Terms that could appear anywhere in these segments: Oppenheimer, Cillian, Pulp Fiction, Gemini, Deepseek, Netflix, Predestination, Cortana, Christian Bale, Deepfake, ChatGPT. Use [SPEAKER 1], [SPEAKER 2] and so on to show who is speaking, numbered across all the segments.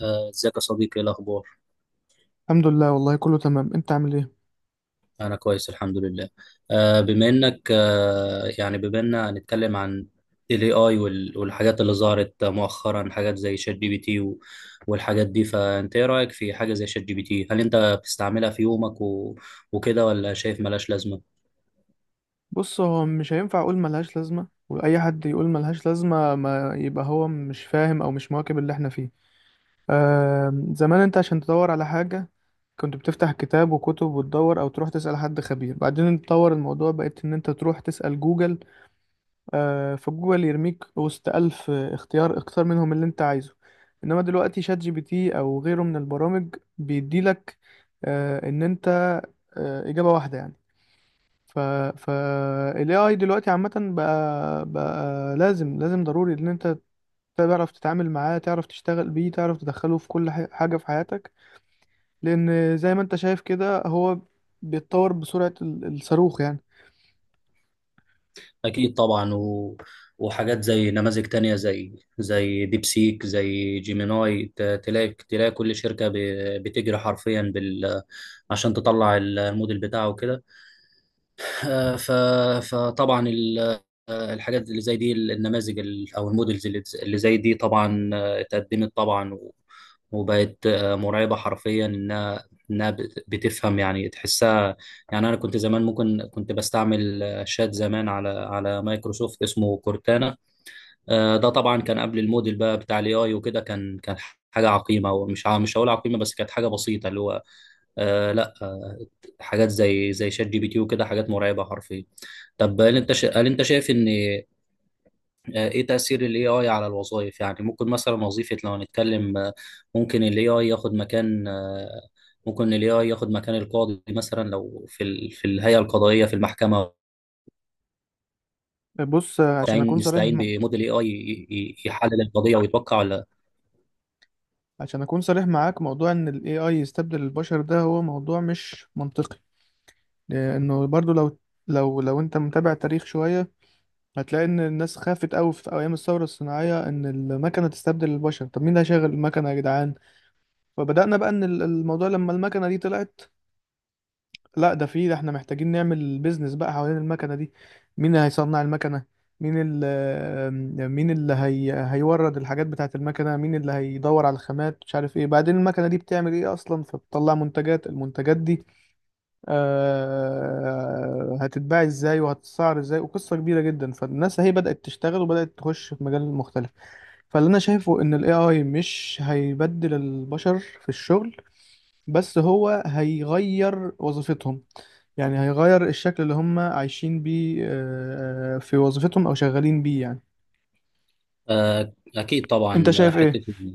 [SPEAKER 1] ازيك يا صديقي، ايه الاخبار؟
[SPEAKER 2] الحمد لله، والله كله تمام. انت عامل ايه؟
[SPEAKER 1] انا كويس، الحمد لله. بما انك آه، يعني بما اننا هنتكلم عن الاي اي والحاجات اللي ظهرت مؤخرا، حاجات زي شات جي بي تي والحاجات دي، فانت ايه رايك في حاجه زي شات جي بي تي؟ هل انت بتستعملها في يومك وكده، ولا شايف ملاش لازمه؟
[SPEAKER 2] بص، هو مش هينفع اقول ملهاش لازمه. واي حد يقول ملهاش لازمه ما يبقى هو مش فاهم او مش مواكب اللي احنا فيه. آه، زمان انت عشان تدور على حاجه كنت بتفتح كتاب وكتب وتدور، او تروح تسال حد خبير. بعدين اتطور الموضوع، بقيت ان انت تروح تسال جوجل. آه، فجوجل يرميك وسط الف اختيار، اختار منهم اللي انت عايزه. انما دلوقتي شات جي بي تي او غيره من البرامج بيديلك آه ان انت آه، إجابة واحدة يعني. ف ف ال AI دلوقتي عامة بقى لازم ضروري ان انت تعرف تتعامل معاه، تعرف تشتغل بيه، تعرف تدخله في كل حاجة في حياتك. لان زي ما انت شايف كده، هو بيتطور بسرعة الصاروخ يعني.
[SPEAKER 1] اكيد طبعا. وحاجات زي نماذج تانية زي ديبسيك، زي جيميناي، تلاقي كل شركة بتجري حرفيا بال، عشان تطلع الموديل بتاعه وكده. آه، ف- فطبعا ال- الحاجات اللي زي دي، النماذج او المودلز اللي زي دي طبعا اتقدمت طبعا وبقت مرعبه حرفيا، انها بتفهم، يعني تحسها. يعني انا كنت زمان، ممكن كنت بستعمل شات زمان على مايكروسوفت اسمه كورتانا. ده طبعا كان قبل الموديل بقى بتاع الاي اي وكده، كان حاجه عقيمه، مش هقول عقيمه، بس كانت حاجه بسيطه اللي هو لا. حاجات زي شات جي بي تي وكده، حاجات مرعبه حرفيا. طب، هل انت شايف ان ايه تأثير الاي اي على الوظائف؟ يعني ممكن مثلا وظيفة، لو هنتكلم ممكن الاي اي ياخد مكان آه، ممكن الاي اي ياخد مكان القاضي مثلا، لو في في الهيئة القضائية في المحكمة.
[SPEAKER 2] بص، عشان
[SPEAKER 1] نستعين
[SPEAKER 2] اكون صريح
[SPEAKER 1] نستعين بموديل اي اي يحلل القضية ويتوقع، ولا؟
[SPEAKER 2] عشان اكون صريح معاك، موضوع ان ال AI يستبدل البشر ده هو موضوع مش منطقي. لانه برضو لو انت متابع تاريخ شوية، هتلاقي ان الناس خافت قوي في ايام الثوره الصناعيه ان المكنه تستبدل البشر. طب مين اللي هيشغل المكنه يا جدعان؟ فبدانا بقى ان الموضوع لما المكنه دي طلعت، لا ده، في ده احنا محتاجين نعمل بيزنس بقى حوالين المكنه دي. مين اللي هيصنع المكنه؟ هيورد الحاجات بتاعه المكنه؟ مين اللي هيدور على الخامات مش عارف ايه؟ بعدين المكنه دي بتعمل ايه اصلا؟ فبتطلع منتجات. المنتجات دي آه، هتتباع ازاي وهتتسعر ازاي؟ وقصة كبيرة جدا. فالناس هي بدأت تشتغل وبدأت تخش في مجال مختلف. فاللي انا شايفه ان الاي اي مش هيبدل البشر في الشغل، بس هو هيغير وظيفتهم. يعني هيغير الشكل اللي هم عايشين بيه آه، آه، في وظيفتهم او شغالين بيه يعني.
[SPEAKER 1] اكيد
[SPEAKER 2] انت
[SPEAKER 1] طبعا.
[SPEAKER 2] شايف ايه؟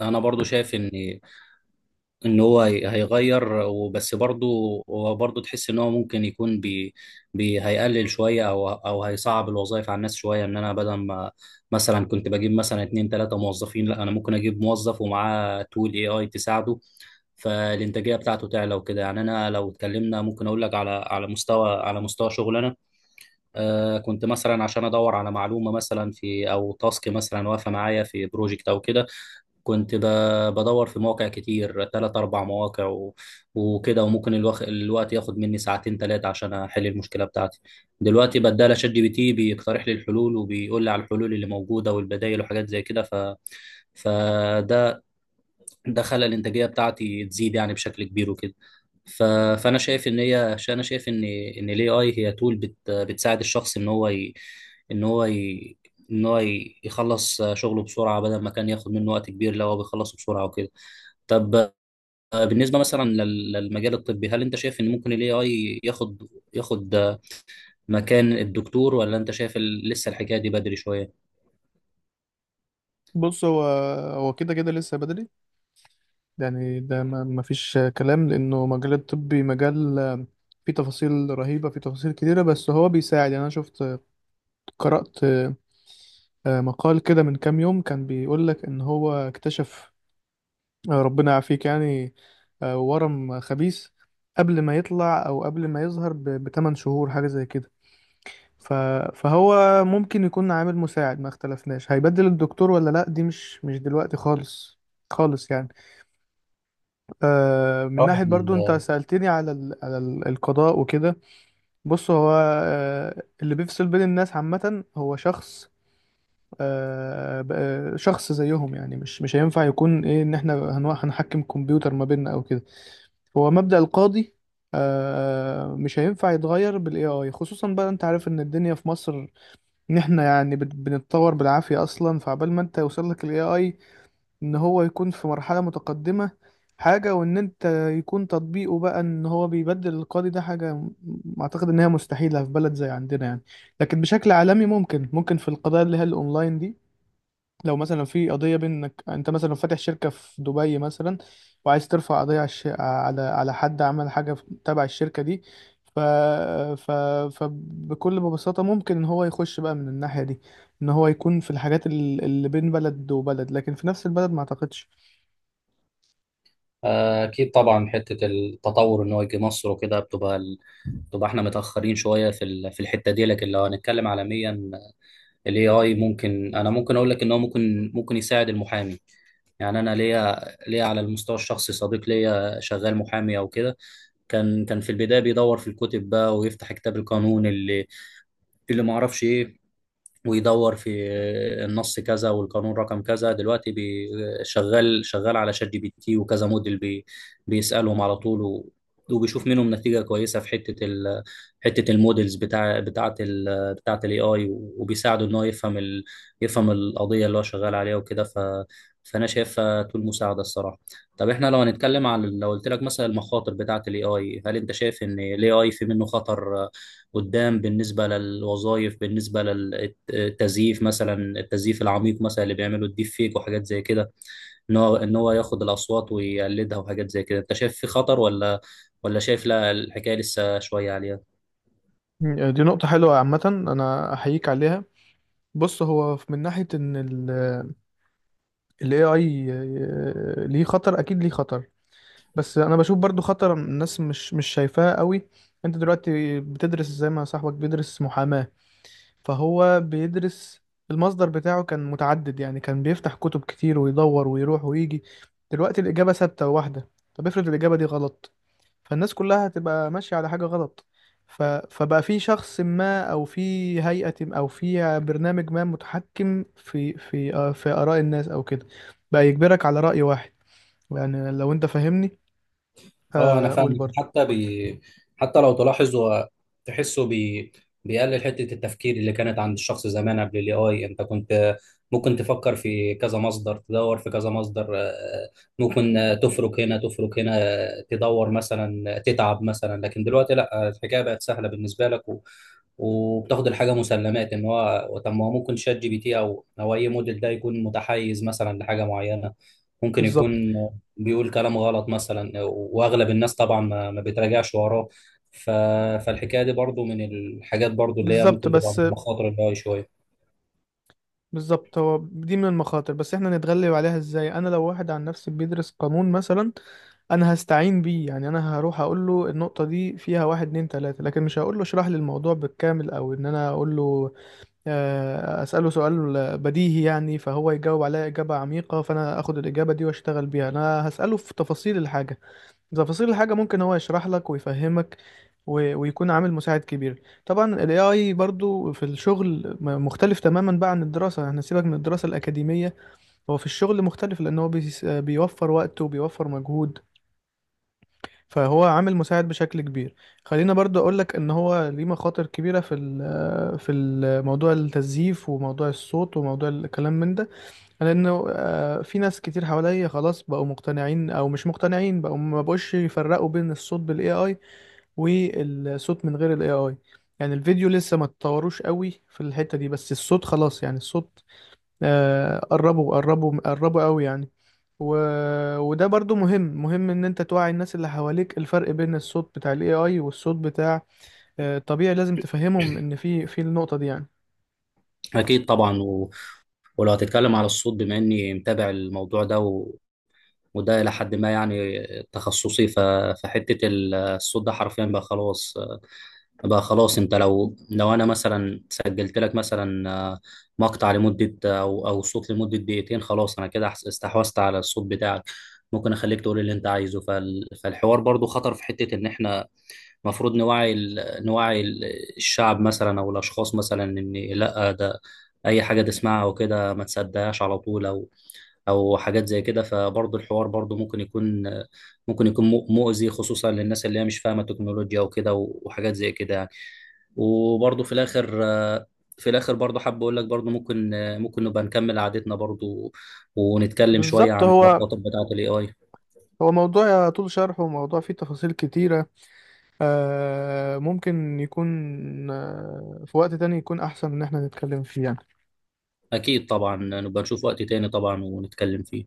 [SPEAKER 1] انا برضو شايف ان هو هيغير وبس برضه. هو برضه تحس ان هو ممكن يكون بي بي هيقلل شويه او هيصعب الوظائف على الناس شويه، ان انا بدل ما مثلا كنت بجيب مثلا اتنين تلاته موظفين، لا انا ممكن اجيب موظف ومعاه تول اي اي تساعده. فالانتاجيه بتاعته تعلى وكده، يعني انا لو اتكلمنا ممكن اقول لك على مستوى شغلنا. كنت مثلا عشان ادور على معلومه مثلا، في او تاسك مثلا واقفه معايا في بروجكت او كده، كنت بدور في مواقع كتير، تلات أربع مواقع وكده، وممكن الوقت ياخد مني ساعتين تلاتة عشان أحل المشكلة بتاعتي. دلوقتي بدال شات جي بي تي بيقترح لي الحلول، وبيقول لي على الحلول اللي موجودة والبدائل وحاجات زي كده. فده ده خلى الانتاجيه بتاعتي تزيد يعني بشكل كبير وكده. ف... فانا شايف ان هي ش- انا شايف ان الاي اي هي تول بتساعد الشخص ان هو ي... يخلص شغله بسرعه، بدل ما كان ياخد منه وقت كبير، لو هو بيخلصه بسرعه وكده. طب، بالنسبه مثلا للمجال الطبي، هل انت شايف ان ممكن الاي اي ياخد مكان الدكتور؟ ولا انت شايف لسه الحكايه دي بدري شويه؟
[SPEAKER 2] بص، هو كده كده لسه بدري. يعني ده ما فيش كلام، لأنه مجال الطبي مجال آه، فيه تفاصيل رهيبة، فيه تفاصيل كتيرة. بس هو بيساعد. يعني أنا شفت، قرأت آه، مقال كده من كام يوم كان بيقول لك إن هو اكتشف آه، ربنا يعافيك يعني، آه، ورم خبيث قبل ما يطلع، أو قبل ما يظهر بتمن شهور حاجة زي كده. ف- فهو ممكن يكون عامل مساعد، ما اختلفناش. هيبدل الدكتور ولا لأ؟ دي مش دلوقتي خالص، خالص يعني. آه، من ناحية برضو انت
[SPEAKER 1] اه،
[SPEAKER 2] سألتني على القضاء وكده، بص، هو آه، اللي بيفصل بين الناس عامة هو شخص آه، شخص زيهم يعني. مش هينفع يكون ايه ان احنا هنحكم كمبيوتر ما بيننا او كده. هو مبدأ القاضي آه، مش هينفع يتغير بالاي اي، خصوصا بقى انت عارف ان الدنيا في مصر، ان احنا يعني بنتطور بالعافية اصلا. فعبال ما انت يوصل لك الاي اي ان هو يكون في مرحلة متقدمة حاجة، وان انت يكون تطبيقه بقى ان هو بيبدل القاضي، ده حاجة اعتقد ان هي مستحيلة في بلد زي عندنا يعني. لكن بشكل عالمي ممكن في القضايا اللي هي الاونلاين دي. لو مثلا في قضية بينك انت مثلا فاتح شركة في دبي مثلا، وعايز ترفع قضية على حد عمل حاجة تبع الشركة دي، ف... ف... فبكل ببساطة ممكن ان هو يخش بقى من الناحية دي، ان هو يكون في الحاجات اللي بين بلد وبلد، لكن في نفس البلد ما اعتقدش.
[SPEAKER 1] أكيد طبعا. حتة التطور إن هو يجي مصر وكده، بتبقى إحنا متأخرين شوية في في الحتة دي، لكن لو هنتكلم عالميا، ال AI ممكن أقول لك إن هو ممكن يساعد المحامي. يعني أنا ليا، على المستوى الشخصي صديق ليا شغال محامي أو كده. كان في البداية بيدور في الكتب بقى، ويفتح كتاب القانون اللي ما أعرفش إيه، ويدور في النص كذا والقانون رقم كذا. دلوقتي شغال على شات جي بي تي وكذا موديل بيسألهم على طول، وبيشوف منهم نتيجة كويسة في حتة الموديلز بتاعة الاي اي، وبيساعده ان هو يفهم القضية اللي هو شغال عليها وكده. فانا شايفها طول مساعدة الصراحة. طب، احنا لو هنتكلم عن، لو قلت لك مثلا، المخاطر بتاعة الاي اي، هل انت شايف ان الاي اي في منه خطر قدام؟ بالنسبه للوظائف، بالنسبه للتزييف مثلا، التزييف العميق مثلا اللي بيعمله الديب فيك وحاجات زي كده، ان هو ياخد الاصوات ويقلدها وحاجات زي كده، انت شايف في خطر، ولا شايف لا الحكايه لسه شويه عليها؟
[SPEAKER 2] مم، دي نقطة حلوة عامة، أنا أحييك عليها. بص، هو من ناحية إن ال AI آه، ليه خطر، أكيد ليه خطر. بس أنا بشوف برضو خطر الناس مش شايفاه قوي. أنت دلوقتي بتدرس زي ما صاحبك بيدرس محاماة، فهو بيدرس. المصدر بتاعه كان متعدد، يعني كان بيفتح كتب كتير ويدور ويروح ويجي. دلوقتي الإجابة ثابتة، واحدة. طب افرض الإجابة دي غلط؟ فالناس كلها هتبقى ماشية على حاجة غلط. فبقى في شخص ما، أو في هيئة ما، أو في برنامج ما متحكم في آه، في آراء الناس أو كده، بقى يجبرك على رأي واحد. يعني لو أنت فاهمني،
[SPEAKER 1] اه، انا
[SPEAKER 2] آه، قول
[SPEAKER 1] فاهمك.
[SPEAKER 2] برضه.
[SPEAKER 1] حتى لو تلاحظ هو تحسه بي... بيقلل حته التفكير اللي كانت عند الشخص زمان قبل الاي اي. انت كنت ممكن تفكر في كذا مصدر، تدور في كذا مصدر، ممكن تفرك هنا، تفرك هنا، تدور مثلا، تتعب مثلا. لكن دلوقتي لا، الحكايه بقت سهله بالنسبه لك، وبتاخد الحاجه مسلمات ان هو، طب ما هو ممكن شات جي بي تي او اي موديل ده يكون متحيز مثلا لحاجه معينه، ممكن
[SPEAKER 2] بالظبط،
[SPEAKER 1] يكون بيقول كلام غلط مثلا، واغلب الناس طبعا ما بتراجعش وراه. ف... فالحكايه دي برضو من الحاجات برضو اللي هي
[SPEAKER 2] بالظبط
[SPEAKER 1] ممكن تبقى
[SPEAKER 2] بس
[SPEAKER 1] مخاطر ال AI شويه.
[SPEAKER 2] بالظبط هو دي من المخاطر. بس احنا نتغلب عليها ازاي؟ انا لو واحد عن نفسي بيدرس قانون مثلا، انا هستعين بيه. يعني انا هروح اقول له النقطة دي فيها واحد اتنين تلاتة، لكن مش هقول له اشرح لي الموضوع بالكامل، او ان انا اقول له آه، اسأله سؤال بديهي يعني فهو يجاوب عليا اجابة عميقة فانا اخد الاجابة دي واشتغل بيها. انا هسأله في تفاصيل الحاجة، تفاصيل الحاجة ممكن هو يشرح لك ويفهمك ويكون عامل مساعد كبير. طبعا ال AI برضو في الشغل مختلف تماما بقى عن الدراسة. احنا سيبك من الدراسة الأكاديمية، هو في الشغل مختلف لأن هو بيوفر وقت وبيوفر مجهود، فهو عامل مساعد بشكل كبير. خلينا برضو أقولك إن هو ليه مخاطر كبيرة في موضوع التزييف، وموضوع الصوت، وموضوع الكلام من ده. لأنه آه، في ناس كتير حواليا خلاص بقوا مقتنعين أو مش مقتنعين، بقوا ما بقوش يفرقوا بين الصوت بال AI والصوت من غير الاي اي. يعني الفيديو لسه ما اتطوروش قوي في الحتة دي، بس الصوت خلاص يعني. الصوت آه، قربوا قوي يعني. و... وده برضو مهم ان انت توعي الناس اللي حواليك الفرق بين الصوت بتاع الاي اي والصوت بتاع آه الطبيعي. لازم تفهمهم ان في النقطة دي يعني.
[SPEAKER 1] اكيد طبعا. ولو هتتكلم على الصوت، بما اني متابع الموضوع ده وده الى حد ما يعني تخصصي. فحته الصوت ده حرفيا بقى خلاص. بقى خلاص، انت لو انا مثلا سجلت لك مثلا مقطع لمده او صوت لمده دقيقتين، خلاص انا كده استحوذت على الصوت بتاعك. ممكن اخليك تقول اللي انت عايزه. فالحوار برضو خطر، في حته ان احنا المفروض نوعي الشعب مثلا او الاشخاص مثلا، ان لا ده اي حاجه تسمعها وكده ما تصدقهاش على طول، او حاجات زي كده. فبرضو الحوار برضو ممكن يكون مؤذي، خصوصا للناس اللي هي مش فاهمه تكنولوجيا وكده وحاجات زي كده يعني. وبرضه في الاخر، برضه حابب اقول لك برضه ممكن نبقى نكمل قعدتنا برضه، ونتكلم شويه
[SPEAKER 2] بالظبط،
[SPEAKER 1] عن المخاطر بتاعه الاي اي.
[SPEAKER 2] هو موضوع طول شرحه، وموضوع فيه تفاصيل كتيرة. آه، ممكن يكون آه، في وقت تاني يكون احسن ان احنا نتكلم فيه يعني.
[SPEAKER 1] اكيد طبعا، نبقى نشوف وقت تاني طبعا، ونتكلم فيه.